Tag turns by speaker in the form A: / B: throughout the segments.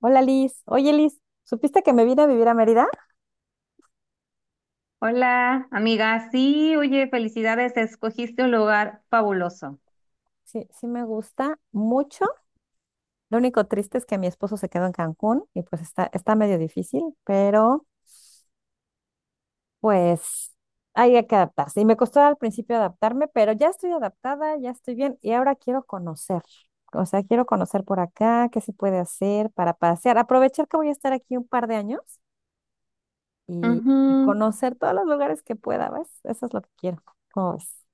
A: Hola Liz. Oye Liz, ¿supiste que me vine a vivir a Mérida?
B: Hola, amiga. Sí, oye, felicidades, escogiste un lugar fabuloso.
A: Sí, sí me gusta mucho. Lo único triste es que mi esposo se quedó en Cancún y pues está medio difícil, pero pues hay que adaptarse. Y me costó al principio adaptarme, pero ya estoy adaptada, ya estoy bien y ahora quiero conocer. O sea, quiero conocer por acá, qué se puede hacer para pasear. Aprovechar que voy a estar aquí un par de años y
B: Ujú.
A: conocer todos los lugares que pueda, ¿ves? Eso es lo que quiero. ¿Cómo ves?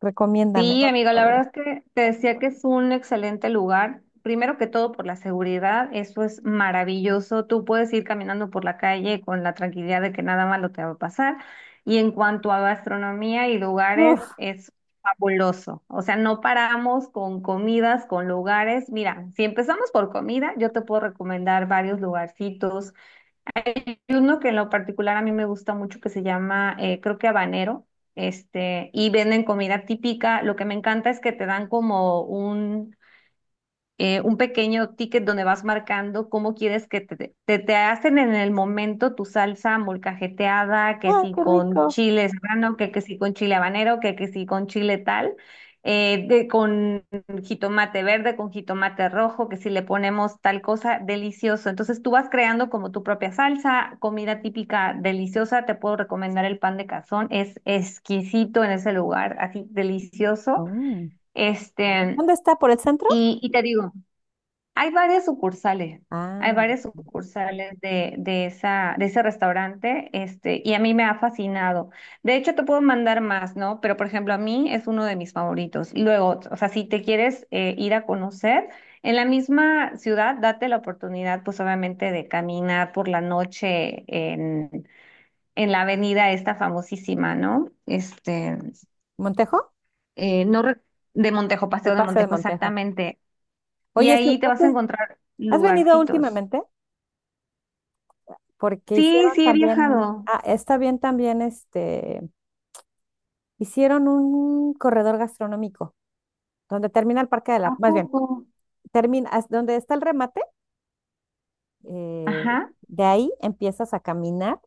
A: Recomiéndame,
B: Sí,
A: ¿no?
B: amiga, la verdad es que te decía que es un excelente lugar. Primero que todo por la seguridad, eso es maravilloso. Tú puedes ir caminando por la calle con la tranquilidad de que nada malo te va a pasar. Y en cuanto a gastronomía y lugares,
A: Uf.
B: es fabuloso. O sea, no paramos con comidas, con lugares. Mira, si empezamos por comida, yo te puedo recomendar varios lugarcitos. Uno que en lo particular a mí me gusta mucho que se llama, creo que habanero, y venden comida típica. Lo que me encanta es que te dan como un pequeño ticket donde vas marcando cómo quieres que te hacen en el momento tu salsa molcajeteada, que
A: ¡Ah,
B: si
A: qué
B: con
A: rico!
B: chile serrano, que si con chile habanero, que si con chile tal, con jitomate verde, con jitomate rojo, que si le ponemos tal cosa, delicioso. Entonces tú vas creando como tu propia salsa, comida típica deliciosa. Te puedo recomendar el pan de cazón, es exquisito en ese lugar, así delicioso.
A: Oh.
B: Este,
A: ¿Dónde está? ¿Por el centro?
B: y te digo, hay varias sucursales, hay
A: Ah,
B: varias sucursales de esa, de ese restaurante, y a mí me ha fascinado. De hecho, te puedo mandar más, ¿no? Pero, por ejemplo, a mí es uno de mis favoritos. Y luego, o sea, si te quieres ir a conocer, en la misma ciudad, date la oportunidad, pues obviamente, de caminar por la noche en la avenida esta famosísima, ¿no?
A: ¿Montejo?
B: Eh, no re- de Montejo,
A: El
B: Paseo de
A: Paseo de
B: Montejo,
A: Montejo.
B: exactamente. Y
A: Oye, Su,
B: ahí te vas a
A: entonces,
B: encontrar
A: ¿has venido
B: lugarcitos.
A: últimamente? Porque
B: Sí,
A: hicieron, sí,
B: sí, he
A: también,
B: viajado.
A: ah, está bien también, este, hicieron un corredor gastronómico donde termina el Parque de
B: ¿A
A: la, más bien,
B: poco?
A: termina, donde está el remate, eh,
B: Ajá,
A: de ahí empiezas a caminar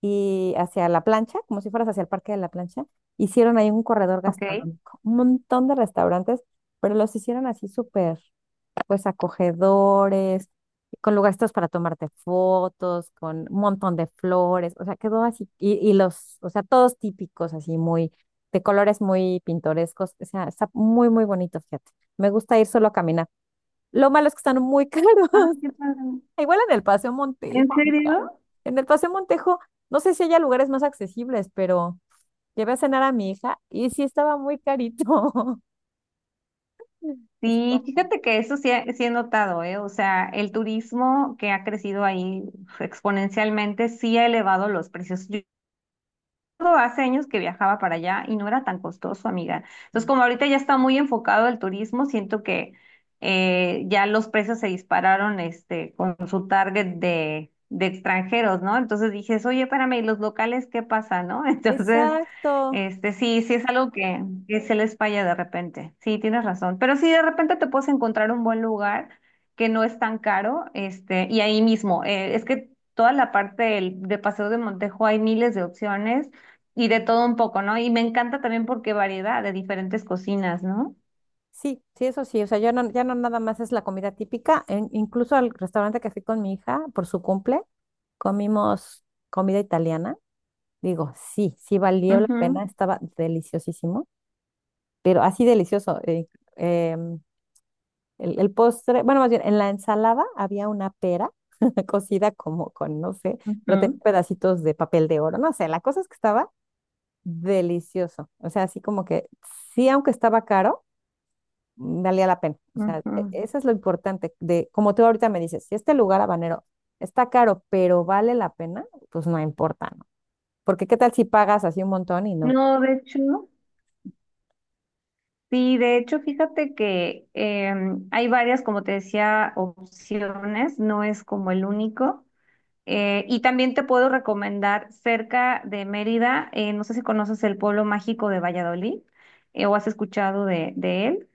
A: y hacia la plancha, como si fueras hacia el Parque de la Plancha, hicieron ahí un corredor
B: ok.
A: gastronómico, un montón de restaurantes, pero los hicieron así súper. Pues acogedores, con lugares para tomarte fotos, con un montón de flores, o sea, quedó así, y los, o sea, todos típicos, así muy, de colores muy pintorescos, o sea, está muy, muy bonito, fíjate. Me gusta ir solo a caminar. Lo malo es que están muy caros.
B: Ah, qué padre.
A: Igual en el Paseo Montejo,
B: ¿En
A: amiga.
B: serio?
A: En el Paseo Montejo, no sé si haya lugares más accesibles, pero llevé a cenar a mi hija y sí estaba muy carito. Así
B: Sí, fíjate que eso sí, sí he notado, ¿eh? O sea, el turismo que ha crecido ahí uf, exponencialmente sí ha elevado los precios. Hace años que viajaba para allá y no era tan costoso, amiga. Entonces,
A: como.
B: como ahorita ya está muy enfocado el turismo, siento que ya los precios se dispararon, con su target de extranjeros, ¿no? Entonces dije, oye, espérame, ¿y los locales qué pasa, no? Entonces,
A: Exacto.
B: sí, sí es algo que se les falla de repente. Sí, tienes razón. Pero sí, de repente te puedes encontrar un buen lugar que no es tan caro, y ahí mismo, es que toda la parte de Paseo de Montejo hay miles de opciones y de todo un poco, ¿no? Y me encanta también porque variedad de diferentes cocinas, ¿no?
A: Sí, sí, eso sí, o sea, ya no, ya no nada más es la comida típica, incluso al restaurante que fui con mi hija por su cumple, comimos comida italiana, digo, sí, sí valió la pena,
B: Ujú,
A: estaba deliciosísimo, pero así delicioso. Em, el postre, bueno, más bien, en la ensalada había una pera cocida como con, no sé, pero tenía
B: ujú,
A: pedacitos de papel de oro, no sé, la cosa es que estaba delicioso, o sea, así como que sí, aunque estaba caro valía la pena. O sea,
B: ujú.
A: eso es lo importante de, como tú ahorita me dices, si este lugar habanero está caro, pero vale la pena, pues no importa, ¿no? Porque qué tal si pagas así un montón y no.
B: No, de hecho, sí, de hecho, fíjate que hay varias, como te decía, opciones, no es como el único. Y también te puedo recomendar cerca de Mérida, no sé si conoces el pueblo mágico de Valladolid, o has escuchado de él.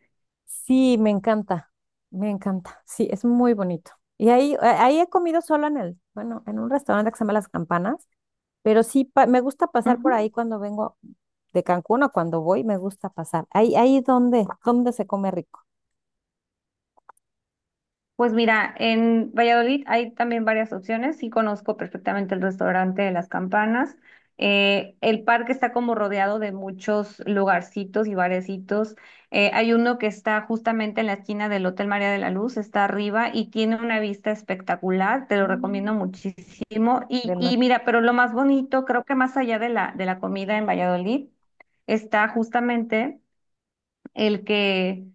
A: Sí, me encanta, me encanta. Sí, es muy bonito. Y ahí, ahí he comido solo en el, bueno, en un restaurante que se llama Las Campanas, pero sí me gusta pasar por
B: Ujú.
A: ahí cuando vengo de Cancún o cuando voy, me gusta pasar. Ahí donde se come rico.
B: Pues mira, en Valladolid hay también varias opciones. Sí conozco perfectamente el restaurante de Las Campanas. El parque está como rodeado de muchos lugarcitos y barecitos. Hay uno que está justamente en la esquina del Hotel María de la Luz, está arriba y tiene una vista espectacular. Te lo
A: Mm.
B: recomiendo muchísimo.
A: De
B: Y
A: noche.
B: mira, pero lo más bonito, creo que más allá de la comida en Valladolid, está justamente el que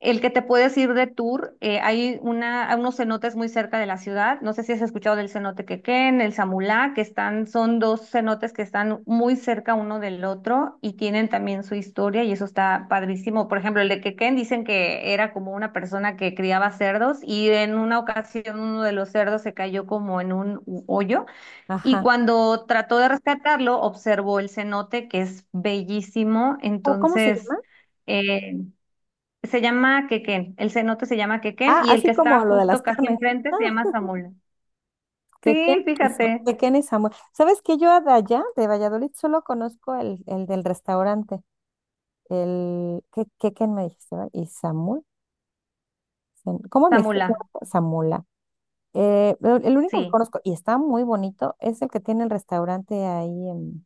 B: el que te puedes ir de tour, hay una, hay unos cenotes muy cerca de la ciudad. No sé si has escuchado del cenote Quequén, el Samulá, que están, son dos cenotes que están muy cerca uno del otro y tienen también su historia y eso está padrísimo. Por ejemplo, el de Quequén dicen que era como una persona que criaba cerdos y en una ocasión uno de los cerdos se cayó como en un hoyo y
A: Ajá.
B: cuando trató de rescatarlo observó el cenote que es bellísimo.
A: ¿Cómo se
B: Entonces...
A: llama?
B: eh, se llama Quequén, el cenote se llama Quequén
A: Ah,
B: y el que
A: así
B: está
A: como lo de las
B: justo casi
A: carnes.
B: enfrente
A: Ah,
B: se llama Zamula.
A: que Ken,
B: Sí, fíjate,
A: que Ken y Samuel. ¿Sabes que yo de allá, de Valladolid, solo conozco el del restaurante? El que Ken me dijiste, ¿verdad? Y Samuel. ¿Cómo me dijiste?
B: Zamula,
A: Samula. Pero el único que
B: sí.
A: conozco, y está muy bonito, es el que tiene el restaurante ahí en.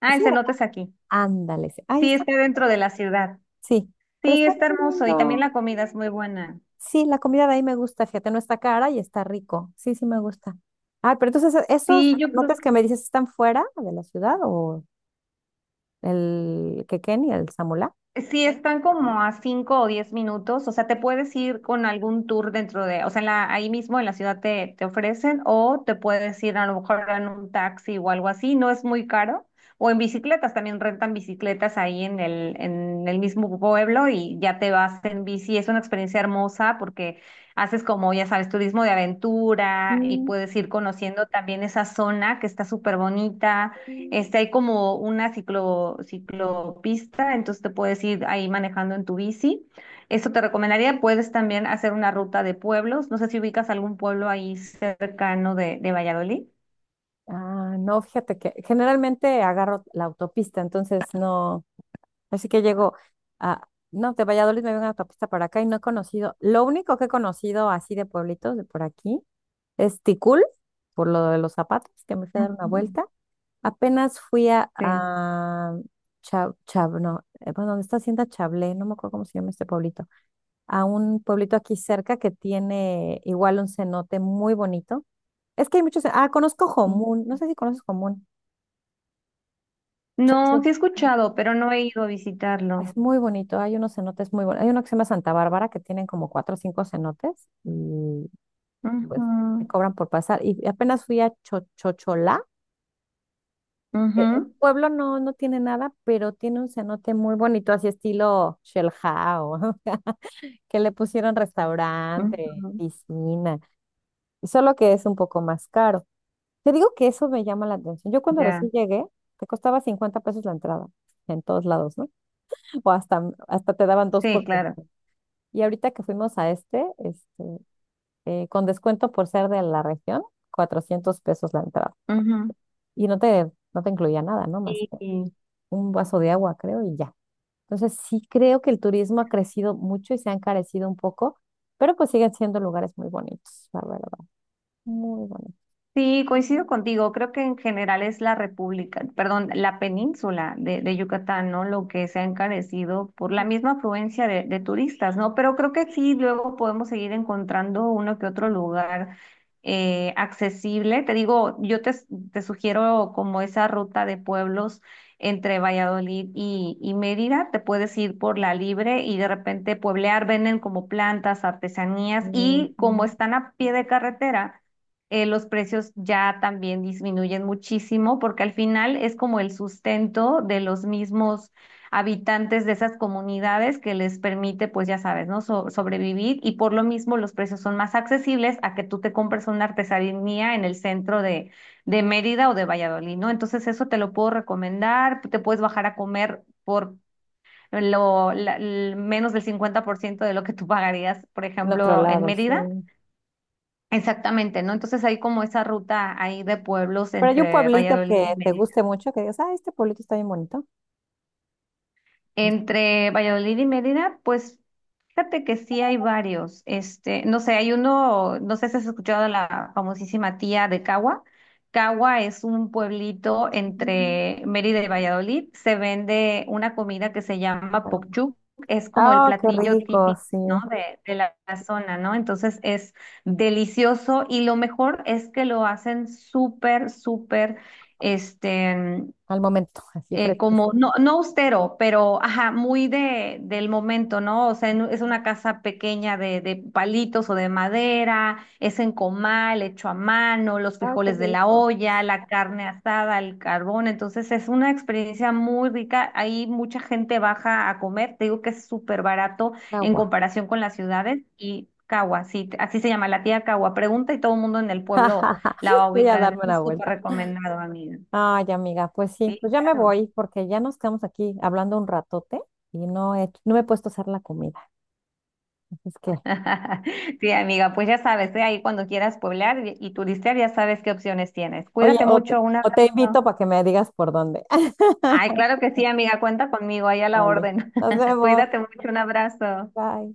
B: Ah,
A: Sí,
B: el cenote es aquí.
A: ándale. Sí. Ahí
B: Sí,
A: está.
B: está dentro de la ciudad.
A: Sí, pero
B: Sí,
A: está
B: está
A: bien
B: hermoso y también
A: lindo.
B: la comida es muy buena.
A: Sí, la comida de ahí me gusta, fíjate, no está cara y está rico. Sí, sí me gusta. Ah, pero entonces, ¿esos
B: Sí, yo creo
A: notas que me dices están fuera de la ciudad o el Quequén y el Samulá?
B: sí, están como a 5 o 10 minutos, o sea, te puedes ir con algún tour dentro de, o sea, en la, ahí mismo en la ciudad te ofrecen o te puedes ir a lo mejor en un taxi o algo así, no es muy caro, o en bicicletas, también rentan bicicletas ahí en el mismo pueblo y ya te vas en bici, es una experiencia hermosa porque haces como, ya sabes, turismo de aventura y
A: Mm,
B: puedes ir conociendo también esa zona que está súper bonita. Hay como una ciclopista, entonces te puedes ir ahí manejando en tu bici. Eso te recomendaría. Puedes también hacer una ruta de pueblos. No sé si ubicas algún pueblo ahí cercano de Valladolid.
A: ah, no, fíjate que generalmente agarro la autopista, entonces no, así que llego a, no, de Valladolid me vengo a autopista para acá y no he conocido, lo único que he conocido así de pueblitos de por aquí es Ticul, por lo de los zapatos, que me fui a dar una
B: Ujú.
A: vuelta. Apenas fui
B: Sí.
A: no, bueno, ¿dónde está Hacienda Chablé? No me acuerdo cómo se llama este pueblito. A un pueblito aquí cerca que tiene igual un cenote muy bonito. Es que hay muchos. Ah, conozco
B: Mm.
A: Jomún. No sé si conoces Jomún.
B: No,
A: Chocho.
B: sí he escuchado, pero no he ido a visitarlo.
A: Es muy bonito. Hay unos cenotes muy buenos. Hay uno que se llama Santa Bárbara que tienen como cuatro o cinco cenotes y pues me
B: Ujú,
A: cobran por pasar. Y apenas fui a Chochocholá. El
B: ujú,
A: pueblo no tiene nada, pero tiene un cenote muy bonito, así estilo Shell House, que le pusieron restaurante,
B: ujú,
A: piscina, solo que es un poco más caro. Te digo que eso me llama la atención. Yo cuando
B: ya,
A: recién llegué, te costaba 50 pesos la entrada, en todos lados, ¿no? O hasta, hasta te daban dos
B: sí,
A: por
B: claro.
A: cinco. Y ahorita que fuimos a este, con descuento por ser de la región, 400 pesos la entrada.
B: Ujú.
A: Y no te, no te incluía nada, ¿no? Más que
B: Y,
A: un vaso de agua, creo, y ya. Entonces, sí creo que el turismo ha crecido mucho y se ha encarecido un poco, pero pues siguen siendo lugares muy bonitos, la verdad, muy bonitos.
B: Sí, coincido contigo. Creo que en general es la República, perdón, la península de Yucatán, ¿no? Lo que se ha encarecido por la
A: Ujú.
B: misma afluencia de turistas, ¿no? Pero creo que sí, luego podemos seguir encontrando uno que otro lugar accesible. Te digo, te sugiero como esa ruta de pueblos entre Valladolid y Mérida. Te puedes ir por la libre y de repente pueblear, venden como plantas, artesanías y como están a pie de carretera, los precios ya también disminuyen muchísimo porque al final es como el sustento de los mismos habitantes de esas comunidades que les permite, pues ya sabes, ¿no? Sobrevivir y por lo mismo los precios son más accesibles a que tú te compres una artesanía en el centro de Mérida o de Valladolid, ¿no? Entonces eso te lo puedo recomendar, te puedes bajar a comer por... menos del 50% de lo que tú pagarías, por
A: En otro
B: ejemplo, en
A: lado, sí.
B: Mérida. Exactamente, ¿no? Entonces hay como esa ruta ahí de pueblos
A: Pero hay un
B: entre
A: pueblito
B: Valladolid y
A: que te
B: Medellín.
A: guste mucho, que digas, ah, este pueblito está bien bonito.
B: Entre Valladolid y Mérida, pues fíjate que sí hay varios. No sé, hay uno, no sé si has escuchado la famosísima tía de Cagua. Cagua es un pueblito
A: Mm,
B: entre Mérida y Valladolid. Se vende una comida que se llama
A: Paloma.
B: pokchuk. Es como el
A: Ah, qué
B: platillo
A: rico,
B: típico,
A: sí.
B: ¿no? De la, la zona, ¿no? Entonces es delicioso y lo mejor es que lo hacen súper, súper, este,
A: Al momento, así
B: como,
A: fresquísimo.
B: no, no austero, pero, ajá, muy de, del momento, ¿no? O sea, es una casa pequeña de palitos o de madera, es en comal, hecho a mano, los
A: Ah, qué
B: frijoles de la
A: rico.
B: olla, la carne asada, el carbón, entonces es una experiencia muy rica, ahí mucha gente baja a comer, te digo que es súper barato en
A: Agua.
B: comparación con las ciudades y... Cagua, sí, así se llama la tía Cagua. Pregunta y todo el mundo en el pueblo la va a
A: Voy a
B: ubicar.
A: darme
B: Entonces,
A: una
B: es súper
A: vuelta.
B: recomendado, amiga.
A: Ay, amiga, pues sí,
B: Sí,
A: pues ya me
B: claro.
A: voy porque ya nos quedamos aquí hablando un ratote y no me he puesto a hacer la comida. Así es que,
B: Sí, amiga, pues ya sabes, ¿eh? Ahí cuando quieras pueblar y turistear, ya sabes qué opciones tienes.
A: oye,
B: Cuídate mucho, un
A: o te invito
B: abrazo.
A: para que me digas por dónde.
B: Ay, claro que sí, amiga, cuenta conmigo, ahí a la
A: Vale,
B: orden.
A: nos vemos.
B: Cuídate mucho, un abrazo.
A: Bye.